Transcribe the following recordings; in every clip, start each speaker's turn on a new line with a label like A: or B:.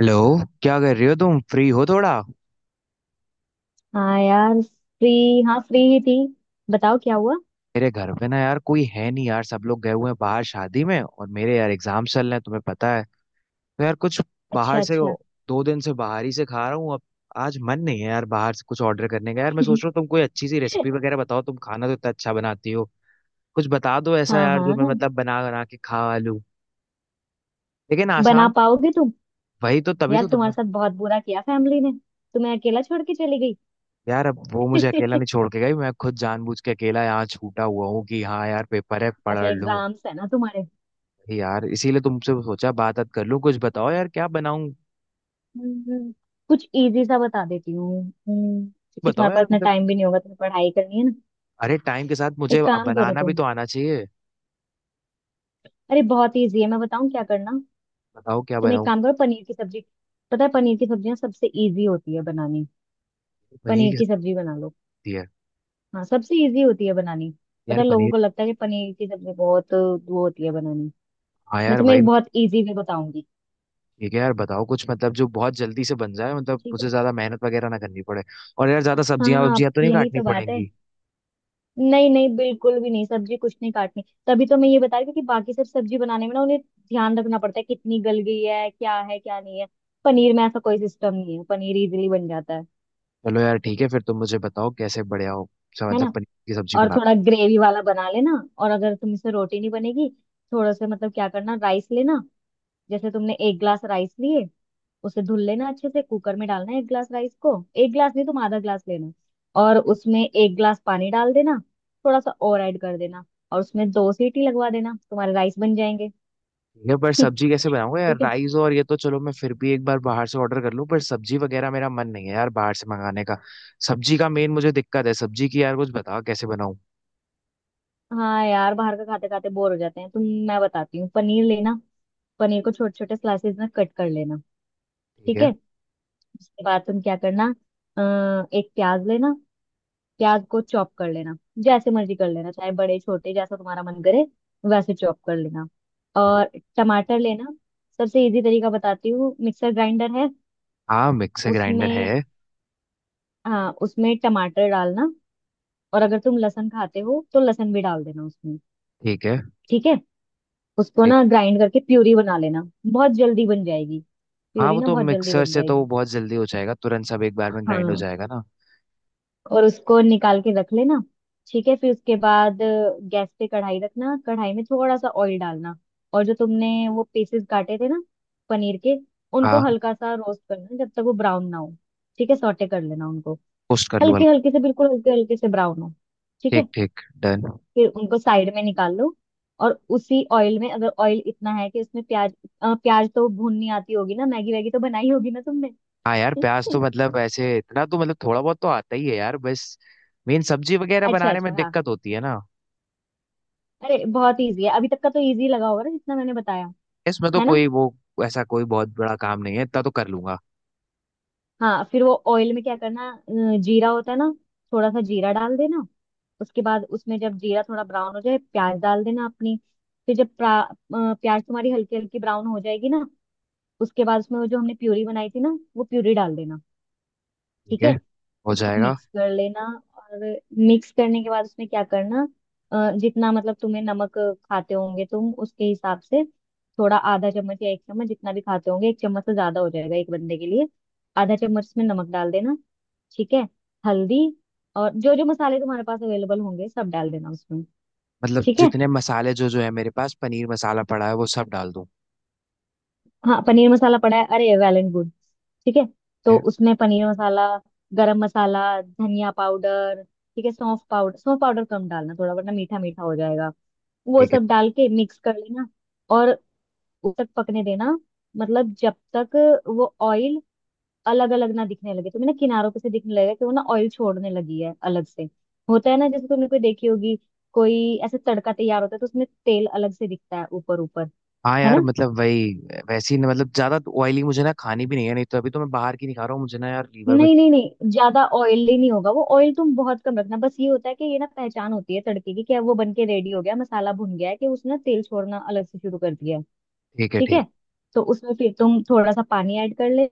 A: Hello. क्या कर रही हो, तुम फ्री हो थोड़ा?
B: हाँ यार फ्री। हाँ फ्री ही थी। बताओ क्या हुआ।
A: मेरे घर पे ना यार कोई है नहीं यार, सब लोग गए हुए हैं बाहर शादी में, और मेरे यार एग्जाम चल रहे हैं, तुम्हें पता है। तो यार कुछ
B: अच्छा
A: बाहर से,
B: अच्छा।
A: 2 दिन से बाहर ही से खा रहा हूँ अब। आज मन नहीं है यार बाहर से कुछ ऑर्डर करने का। यार मैं सोच रहा हूँ तुम कोई अच्छी सी रेसिपी वगैरह बताओ, तुम खाना तो इतना अच्छा बनाती हो। कुछ बता दो ऐसा
B: हाँ
A: यार जो मैं
B: हाँ,
A: मतलब बना बना के खा लूँ, लेकिन
B: बना
A: आसान।
B: पाओगे तुम?
A: वही तो, तभी
B: यार
A: तो
B: तुम्हारे
A: तुम।
B: साथ बहुत बुरा किया फैमिली ने, तुम्हें अकेला छोड़ के चली
A: यार अब वो मुझे अकेला
B: गई।
A: नहीं छोड़ के गई, मैं खुद जानबूझ के अकेला यहाँ छूटा हुआ हूँ कि हाँ यार पेपर है,
B: अच्छा
A: पढ़ लूँ।
B: एग्जाम्स है ना तुम्हारे।
A: यार इसीलिए तुमसे सोचा बात बात कर लूं, कुछ बताओ यार क्या बनाऊं।
B: हम्म, कुछ इजी सा बता देती हूँ। क्योंकि
A: बताओ
B: तुम्हारे पास
A: यार
B: इतना
A: मतलब।
B: टाइम भी नहीं होगा, तुम्हें पढ़ाई करनी है ना।
A: अरे टाइम के साथ मुझे
B: एक
A: अब
B: काम करो
A: बनाना भी
B: तुम।
A: तो आना चाहिए।
B: अरे बहुत इजी है, मैं बताऊँ क्या करना।
A: बताओ क्या
B: तुम एक
A: बनाऊं।
B: काम करो, पनीर की सब्जी। पता है, पनीर की सब्जियाँ सबसे इजी होती है बनानी।
A: पनीर
B: पनीर
A: की
B: की सब्जी बना लो।
A: सब्जी है?
B: हाँ, सबसे इजी होती है बनानी। पता
A: यार
B: है, लोगों
A: पनीर।
B: को लगता है कि पनीर की सब्जी बहुत वो होती है बनानी।
A: हाँ
B: मैं
A: यार
B: तुम्हें
A: वही।
B: एक बहुत इजी वे बताऊंगी।
A: ठीक है यार बताओ कुछ मतलब जो बहुत जल्दी से बन जाए, मतलब
B: ठीक
A: मुझे
B: है।
A: ज्यादा मेहनत वगैरह ना करनी पड़े। और यार ज्यादा सब्जियां
B: हाँ,
A: वब्जियां तो नहीं
B: यही
A: काटनी
B: तो बात है।
A: पड़ेंगी।
B: नहीं नहीं, बिल्कुल भी नहीं, सब्जी कुछ नहीं काटनी। तभी तो मैं ये बता रही थी कि बाकी सब सब्जी बनाने में ना उन्हें ध्यान रखना पड़ता है कितनी गल गई है, क्या है क्या नहीं है। पनीर में ऐसा कोई सिस्टम नहीं है, पनीर इजीली बन जाता है
A: चलो यार ठीक है, फिर तुम मुझे बताओ कैसे। बढ़िया हो, अच्छा,
B: है
A: मतलब
B: ना।
A: पनीर की सब्जी
B: और
A: बना।
B: थोड़ा ग्रेवी वाला बना लेना। और अगर तुमसे रोटी नहीं बनेगी, थोड़ा सा मतलब क्या करना, राइस लेना। जैसे तुमने एक ग्लास राइस लिए, उसे धुल लेना अच्छे से, कुकर में डालना है एक गिलास राइस को। एक गिलास नहीं, तुम आधा गिलास लेना। और उसमें एक गिलास पानी डाल देना। थोड़ा सा और ऐड कर देना। और उसमें 2 सीटी लगवा देना, तुम्हारे राइस बन जाएंगे।
A: ये पर सब्जी कैसे बनाऊंगा
B: ठीक
A: यार?
B: है।
A: राइस और ये तो चलो मैं फिर भी एक बार बाहर से ऑर्डर कर लूं, पर सब्जी वगैरह मेरा मन नहीं है यार बाहर से मंगाने का। सब्जी का मेन मुझे दिक्कत है, सब्जी की। यार कुछ बताओ कैसे बनाऊं।
B: हाँ यार, बाहर का खाते खाते बोर हो जाते हैं तुम। मैं बताती हूँ, पनीर लेना। पनीर को छोटे छोटे स्लाइसेस में कट कर लेना।
A: ठीक
B: ठीक
A: है।
B: है। उसके बाद तुम क्या करना, एक प्याज लेना। प्याज को चॉप कर लेना। जैसे मर्जी कर लेना, चाहे बड़े छोटे जैसा तुम्हारा मन करे, वैसे चॉप कर लेना।
A: ठीक है।
B: और टमाटर लेना। सबसे इजी तरीका बताती हूँ, मिक्सर ग्राइंडर है
A: हाँ मिक्सर ग्राइंडर
B: उसमें।
A: है।
B: हाँ, उसमें टमाटर डालना। और अगर तुम लहसुन खाते हो तो लहसुन भी डाल देना उसमें।
A: ठीक है।
B: ठीक है। उसको
A: एक।
B: ना ग्राइंड करके प्यूरी बना लेना, बहुत जल्दी बन जाएगी।
A: हाँ
B: प्यूरी
A: वो
B: ना
A: तो
B: बहुत जल्दी
A: मिक्सर
B: बन
A: से तो वो
B: जाएगी।
A: बहुत जल्दी हो जाएगा, तुरंत सब एक बार में ग्राइंड हो
B: हाँ।
A: जाएगा ना।
B: और उसको निकाल के रख लेना। ठीक है। फिर उसके बाद गैस पे कढ़ाई रखना, कढ़ाई में थोड़ा सा ऑयल डालना। और जो तुमने वो पीसेस काटे थे ना, पनीर के, उनको
A: हाँ।
B: हल्का सा रोस्ट करना, जब तक वो ब्राउन ना हो। ठीक है, सौटे कर लेना उनको।
A: पोस्ट कर लूँ
B: हल्के
A: हल्का?
B: हल्के से, बिल्कुल हल्के हल्के से, ब्राउन हो। ठीक
A: ठीक
B: है।
A: ठीक। डन।
B: फिर उनको साइड में निकाल लो। और उसी ऑयल में, अगर ऑयल इतना है कि उसमें प्याज, प्याज तो भूननी आती होगी ना, मैगी वैगी तो बनाई होगी ना तुमने।
A: हाँ यार प्याज तो मतलब ऐसे इतना तो मतलब थोड़ा बहुत तो आता ही है यार, बस मेन सब्जी वगैरह
B: अच्छा
A: बनाने
B: अच्छा,
A: में
B: हाँ।
A: दिक्कत होती है ना।
B: अरे बहुत इजी है, अभी तक का तो इजी लगा होगा ना जितना मैंने बताया,
A: इसमें तो
B: है ना।
A: कोई वो ऐसा कोई बहुत बड़ा काम नहीं है, इतना तो कर लूंगा।
B: हाँ, फिर वो ऑयल में क्या करना, जीरा होता है ना, थोड़ा सा जीरा डाल देना। उसके बाद उसमें जब जीरा थोड़ा ब्राउन हो जाए, प्याज डाल देना अपनी। फिर जब प्याज तुम्हारी हल्की हल्की ब्राउन हो जाएगी ना, उसके बाद उसमें वो जो हमने प्यूरी बनाई थी ना, वो प्यूरी डाल देना।
A: ठीक
B: ठीक
A: है।
B: है।
A: हो
B: उसको
A: जाएगा।
B: मिक्स कर लेना। और मिक्स करने के बाद उसमें क्या करना, जितना मतलब तुम्हें नमक खाते होंगे तुम, उसके हिसाब से थोड़ा, आधा चम्मच या 1 चम्मच, जितना भी खाते होंगे। 1 चम्मच से ज्यादा हो जाएगा एक बंदे के लिए, आधा चम्मच इसमें नमक डाल देना। ठीक है। हल्दी, और जो जो मसाले तुम्हारे पास अवेलेबल होंगे सब डाल देना उसमें।
A: मतलब
B: ठीक है।
A: जितने मसाले, जो जो है मेरे पास, पनीर मसाला पड़ा है वो सब डाल दूं?
B: हाँ, पनीर मसाला पड़ा है, अरे वैलेंट गुड। ठीक है,
A: ठीक
B: तो
A: है।
B: उसमें पनीर मसाला, गरम मसाला, धनिया पाउडर, ठीक है, सौंफ पाउडर। सौंफ पाउडर कम डालना थोड़ा वरना मीठा मीठा हो जाएगा। वो
A: ठीक है।
B: सब डाल के मिक्स कर लेना। और उस तक पकने देना, मतलब जब तक वो ऑयल अलग अलग ना दिखने लगे तुम्हें ना, किनारों पे से दिखने लगेगा कि वो ना ऑयल छोड़ने लगी है अलग से। होता है ना, जैसे तुमने कोई देखी होगी, कोई ऐसे तड़का तैयार होता है तो उसमें तेल अलग से दिखता है ऊपर ऊपर,
A: हाँ
B: है
A: यार
B: ना।
A: मतलब वही। वैसी ना मतलब ज्यादा ऑयली मुझे ना खानी भी नहीं है, नहीं तो अभी तो मैं बाहर की नहीं खा रहा हूँ, मुझे ना यार लीवर में।
B: नहीं नहीं नहीं, ज्यादा ऑयली नहीं होगा, वो ऑयल तुम बहुत कम रखना। बस ये होता है कि ये ना पहचान होती है तड़के की, क्या वो बन के रेडी हो गया, मसाला भुन गया है, कि उसने तेल छोड़ना अलग से शुरू कर दिया है।
A: ठीक है
B: ठीक है।
A: ठीक
B: तो उसमें फिर तुम थोड़ा सा पानी ऐड कर ले,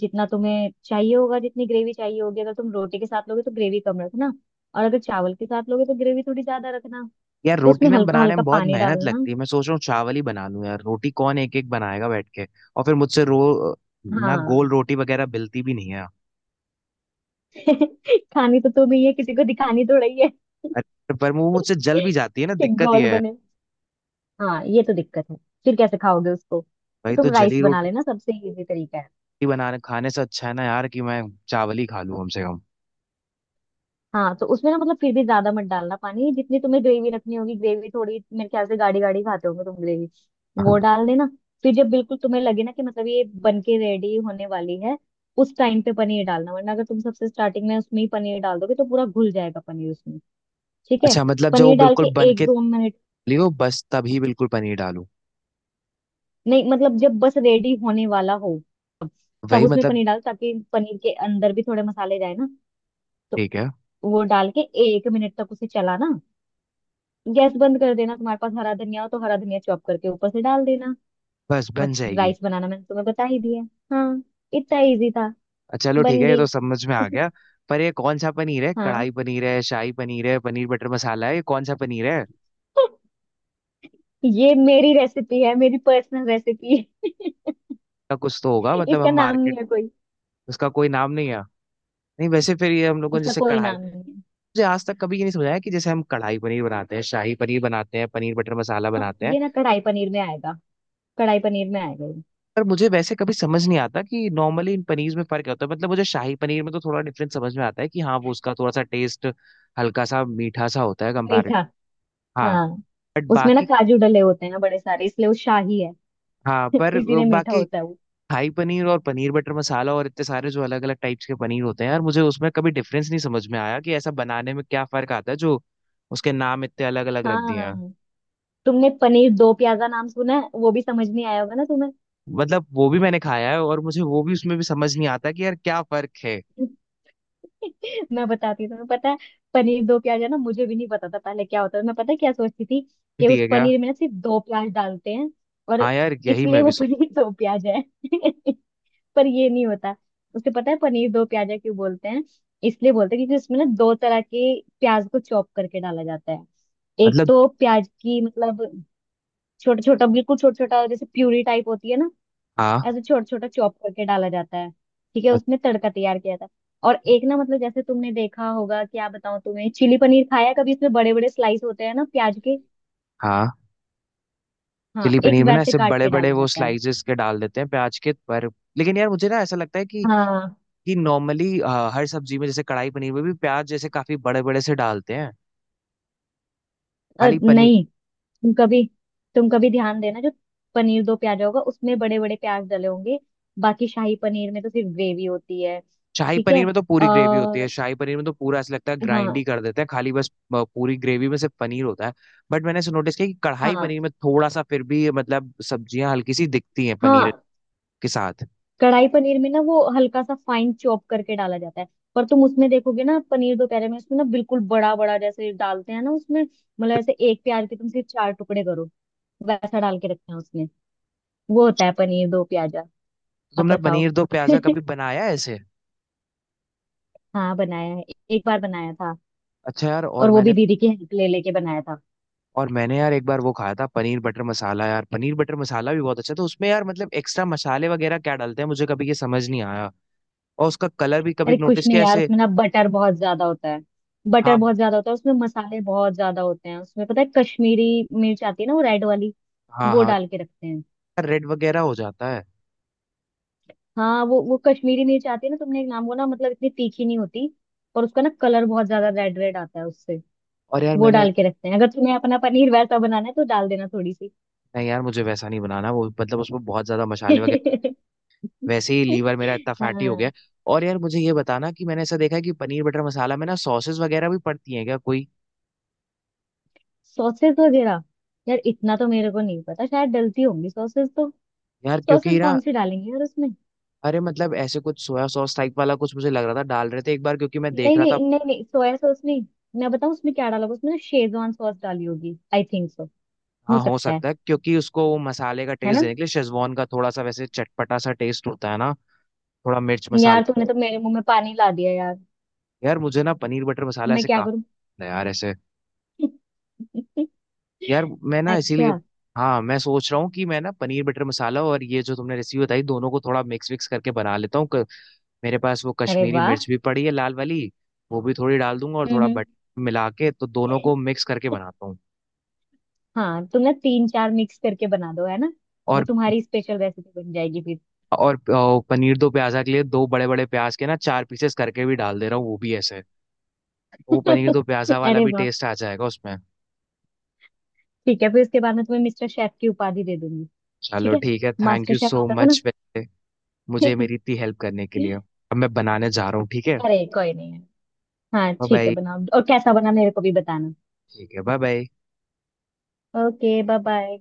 B: जितना तुम्हें चाहिए होगा, जितनी ग्रेवी चाहिए होगी। अगर तुम रोटी के साथ लोगे तो ग्रेवी कम रखना, और अगर चावल के साथ लोगे तो ग्रेवी थोड़ी ज्यादा रखना।
A: है। यार
B: तो
A: रोटी
B: उसमें
A: ना
B: हल्का
A: बनाने
B: हल्का
A: में बहुत
B: पानी
A: मेहनत
B: डालना।
A: लगती है, मैं सोच रहा हूँ चावल ही बना लूं, यार रोटी कौन एक एक बनाएगा बैठ के। और फिर मुझसे रो ना गोल
B: हाँ।
A: रोटी वगैरह मिलती भी नहीं है।
B: खानी तो तुम ही है, किसी को दिखानी थोड़ा ही है।
A: अरे, पर वो मुझसे जल भी जाती है ना,
B: कि
A: दिक्कत
B: गोल
A: ये है।
B: बने। हाँ, ये तो दिक्कत है। फिर कैसे खाओगे उसको, तो
A: भाई तो
B: तुम राइस
A: जली
B: बना
A: रोटी,
B: लेना, सबसे इजी तरीका है।
A: रोटी बनाने खाने से अच्छा है ना यार कि मैं चावल ही खा लूं कम से कम।
B: हाँ, तो उसमें ना मतलब फिर भी ज्यादा मत डालना पानी, जितनी तुम्हें ग्रेवी रखनी होगी। ग्रेवी थोड़ी, मेरे ख्याल से गाढ़ी गाढ़ी खाते होंगे तुम ग्रेवी, वो डाल देना। फिर जब बिल्कुल तुम्हें लगे ना कि मतलब ये बन के रेडी होने वाली है, उस टाइम पे पनीर डालना। वरना अगर तुम सबसे स्टार्टिंग में उसमें ही पनीर डाल दोगे तो पूरा घुल जाएगा पनीर उसमें। ठीक है,
A: अच्छा मतलब जब वो
B: पनीर डाल
A: बिल्कुल
B: के
A: बन
B: एक
A: के
B: दो मिनट
A: लियो, बस तभी बिल्कुल पनीर डालूं?
B: नहीं मतलब जब बस रेडी होने वाला हो, तब
A: वही
B: उसमें
A: मतलब।
B: पनीर डाल ताकि पनीर के अंदर भी थोड़े मसाले जाए ना। तो
A: ठीक है।
B: वो डाल के 1 मिनट तक उसे चलाना। गैस बंद कर देना। तुम्हारे पास हरा धनिया हो तो हरा धनिया चॉप करके ऊपर से डाल देना।
A: बस
B: और
A: बन जाएगी।
B: राइस बनाना मैंने तुम्हें बता ही दिया। हाँ, इतना इजी था।
A: चलो ठीक
B: बन
A: है, ये तो
B: गई।
A: समझ में आ गया। पर ये कौन सा पनीर है?
B: हाँ।
A: कढ़ाई पनीर है, शाही पनीर है, पनीर बटर मसाला है, ये कौन सा पनीर है?
B: ये मेरी रेसिपी है, मेरी पर्सनल रेसिपी है।
A: इसका कुछ तो होगा, मतलब
B: इसका
A: हम
B: नाम नहीं
A: मार्केट।
B: है कोई।
A: उसका कोई नाम नहीं है? नहीं, वैसे फिर ये हम लोगों ने
B: इसका
A: जैसे
B: कोई
A: कढ़ाई,
B: नाम नहीं है।
A: मुझे आज तक कभी ये नहीं समझाया कि जैसे हम कढ़ाई पनीर बनाते हैं, शाही पनीर बनाते हैं, पनीर बटर मसाला
B: हाँ,
A: बनाते हैं।
B: ये ना कढ़ाई पनीर में आएगा। कढ़ाई पनीर में आएगा ये।
A: पर मुझे वैसे कभी समझ नहीं आता कि नॉर्मली इन पनीर में फर्क क्या होता है, मतलब मुझे शाही पनीर में तो थोड़ा डिफरेंस समझ में आता है कि हाँ वो उसका थोड़ा सा टेस्ट हल्का सा मीठा सा होता है
B: मीठा,
A: कंपैरेटिव। हाँ।
B: हाँ।
A: बट
B: उसमें ना
A: बाकी।
B: काजू डले होते हैं ना बड़े सारे, इसलिए वो शाही है।
A: हाँ पर
B: इसीलिए मीठा
A: बाकी
B: होता है वो।
A: शाही पनीर और पनीर बटर मसाला और इतने सारे जो अलग अलग टाइप्स के पनीर होते हैं यार, मुझे उसमें कभी डिफरेंस नहीं समझ में आया कि ऐसा बनाने में क्या फर्क आता है जो उसके नाम इतने अलग अलग रख दिए हैं।
B: हाँ। तुमने पनीर दो प्याजा नाम सुना है, वो भी समझ नहीं आया होगा ना तुम्हें।
A: मतलब वो भी मैंने खाया है और मुझे वो भी, उसमें भी समझ नहीं आता कि यार क्या फर्क है।
B: मैं बताती हूँ तुम्हें। पता है, पनीर दो प्याजा ना मुझे भी नहीं पता था पहले क्या होता है। मैं पता है क्या सोचती थी, कि उस
A: दिए क्या?
B: पनीर में ना सिर्फ दो प्याज डालते हैं और
A: हाँ यार यही
B: इसलिए
A: मैं
B: वो
A: भी सोच।
B: पनीर दो प्याज है। पर ये नहीं होता। उसे पता है पनीर दो प्याजा क्यों बोलते हैं? इसलिए बोलते हैं क्योंकि उसमें ना दो तरह के प्याज को चॉप करके डाला जाता है। एक
A: मतलब।
B: तो प्याज की मतलब छोटा छोटा, बिल्कुल छोटा छोटा, जैसे प्यूरी टाइप होती है ना,
A: हाँ
B: ऐसे छोटा छोटा चॉप करके डाला जाता है। ठीक है, उसमें तड़का तैयार किया जाता है। और एक ना, मतलब जैसे तुमने देखा होगा, क्या बताऊं तुम्हें, चिली पनीर खाया है कभी? इसमें बड़े बड़े स्लाइस होते हैं ना प्याज के।
A: हाँ।
B: हाँ,
A: चिली
B: एक
A: पनीर में ना
B: वैसे
A: ऐसे
B: काट
A: बड़े
B: के
A: बड़े
B: डाला
A: वो
B: जाता है।
A: स्लाइसेस के डाल देते हैं प्याज के, पर लेकिन यार मुझे ना ऐसा लगता है कि
B: हाँ,
A: नॉर्मली हर सब्जी में जैसे कढ़ाई पनीर में भी प्याज जैसे काफी बड़े बड़े से डालते हैं। खाली पनीर
B: नहीं, तुम कभी, तुम कभी ध्यान देना, जो पनीर दो प्याजा होगा उसमें बड़े बड़े प्याज डले होंगे। बाकी शाही पनीर में तो सिर्फ ग्रेवी होती है।
A: शाही
B: ठीक है।
A: पनीर में तो पूरी ग्रेवी होती है,
B: और
A: शाही पनीर में तो पूरा ऐसा लगता है ग्राइंड
B: हाँ,
A: ही कर देते हैं खाली बस। पूरी ग्रेवी में सिर्फ पनीर होता है। बट मैंने ऐसे नोटिस किया कि कढ़ाई
B: हाँ
A: पनीर में थोड़ा सा फिर भी मतलब सब्जियां हल्की सी दिखती हैं पनीर
B: हाँ।
A: के साथ।
B: कढ़ाई पनीर में ना वो हल्का सा फाइन चॉप करके डाला जाता है। पर तुम उसमें देखोगे ना, पनीर दोपहर में उसमें ना बिल्कुल बड़ा बड़ा जैसे डालते हैं ना उसमें, मतलब ऐसे एक प्याज के तुम सिर्फ चार टुकड़े करो, वैसा डाल के रखते हैं उसमें। वो होता है पनीर दो प्याजा।
A: तो
B: अब
A: तुमने
B: बताओ।
A: पनीर दो प्याजा कभी बनाया है ऐसे?
B: हाँ, बनाया है। एक बार बनाया था।
A: अच्छा यार,
B: और
A: और
B: वो
A: मैंने
B: भी दीदी की हेल्प ले लेके बनाया था।
A: और मैंने यार एक बार वो खाया था पनीर बटर मसाला, यार पनीर बटर मसाला भी बहुत अच्छा था, उसमें यार मतलब एक्स्ट्रा मसाले वगैरह क्या डालते हैं मुझे कभी ये समझ नहीं आया। और उसका कलर भी कभी
B: अरे कुछ
A: नोटिस
B: नहीं
A: किया
B: यार,
A: ऐसे?
B: उसमें ना बटर बहुत ज्यादा होता है। बटर
A: हाँ।
B: बहुत ज्यादा होता है उसमें, मसाले बहुत ज्यादा होते हैं उसमें। पता है, कश्मीरी मिर्च आती है ना, वो रेड वाली,
A: हाँ।
B: वो
A: हाँ
B: डाल के रखते हैं।
A: रेड वगैरह हो जाता है।
B: हाँ, वो कश्मीरी मिर्च आती है ना, तुमने एक नाम, वो ना मतलब इतनी तीखी नहीं होती, और उसका ना कलर बहुत ज्यादा रेड रेड आता है उससे।
A: और यार
B: वो
A: मैंने।
B: डाल के रखते हैं। अगर तुम्हें अपना पनीर वैसा बनाना है तो डाल देना थोड़ी सी।
A: नहीं यार मुझे वैसा नहीं बनाना, वो मतलब उसमें बहुत ज्यादा मसाले वगैरह। वैसे ही लीवर मेरा इतना फैटी हो गया
B: हाँ,
A: है। और यार मुझे ये बताना कि मैंने ऐसा देखा है कि पनीर बटर मसाला में ना सॉसेस वगैरह भी पड़ती हैं क्या कोई?
B: सॉसेस वगैरह, यार इतना तो मेरे को नहीं पता। शायद डलती होंगी सॉसेस तो।
A: यार
B: सॉसेस
A: क्योंकि ना,
B: कौन सी डालेंगे यार उसमें।
A: अरे मतलब ऐसे कुछ सोया सॉस टाइप वाला कुछ मुझे लग रहा था डाल रहे थे एक बार, क्योंकि मैं देख
B: नहीं
A: रहा था।
B: नहीं नहीं नहीं, सोया सॉस नहीं। मैं बताऊँ उसमें क्या डाला होगा, उसमें ना शेजवान सॉस डाली होगी, आई थिंक सो। हो
A: हाँ हो
B: सकता है
A: सकता है, क्योंकि उसको वो मसाले का
B: है
A: टेस्ट
B: ना।
A: देने के लिए शेजवान का, थोड़ा सा वैसे चटपटा सा टेस्ट होता है ना। थोड़ा मिर्च मसाले।
B: यार तुमने तो मेरे मुंह में पानी ला दिया यार,
A: यार मुझे ना पनीर बटर मसाला
B: मैं
A: ऐसे
B: क्या
A: काफी
B: करूँ।
A: पसंद है यार ऐसे। यार मैं ना
B: अच्छा,
A: इसीलिए हाँ मैं सोच रहा हूँ कि मैं ना पनीर बटर मसाला और ये जो तुमने रेसिपी बताई दोनों को थोड़ा मिक्स विक्स करके बना लेता हूँ मेरे पास वो
B: अरे
A: कश्मीरी
B: वाह।
A: मिर्च भी पड़ी है लाल वाली, वो भी थोड़ी डाल दूंगा और थोड़ा
B: हम्म।
A: बटर मिला के तो दोनों
B: हम्म।
A: को मिक्स करके बनाता हूँ।
B: हाँ, तुम ना 3-4 मिक्स करके बना दो, है ना। वो
A: और
B: तुम्हारी स्पेशल रेसिपी बन जाएगी फिर।
A: और पनीर दो प्याजा के लिए दो बड़े बड़े प्याज के ना चार पीसेस करके भी डाल दे रहा हूँ, वो भी ऐसे। वो पनीर दो प्याजा वाला
B: अरे
A: भी
B: वाह।
A: टेस्ट आ जाएगा उसमें।
B: ठीक है, फिर उसके बाद मैं तुम्हें मिस्टर शेफ की उपाधि दे दूंगी। ठीक
A: चलो
B: है,
A: ठीक है, थैंक
B: मास्टर
A: यू
B: शेफ
A: सो
B: आता था ना।
A: मच मुझे मेरी इतनी हेल्प करने के लिए, अब मैं बनाने जा रहा हूँ ठीक है।
B: अरे कोई नहीं है। हाँ
A: बाय
B: ठीक है,
A: बाय।
B: बनाओ, और कैसा बना मेरे को भी बताना।
A: ठीक है bye bye.
B: Okay, bye bye.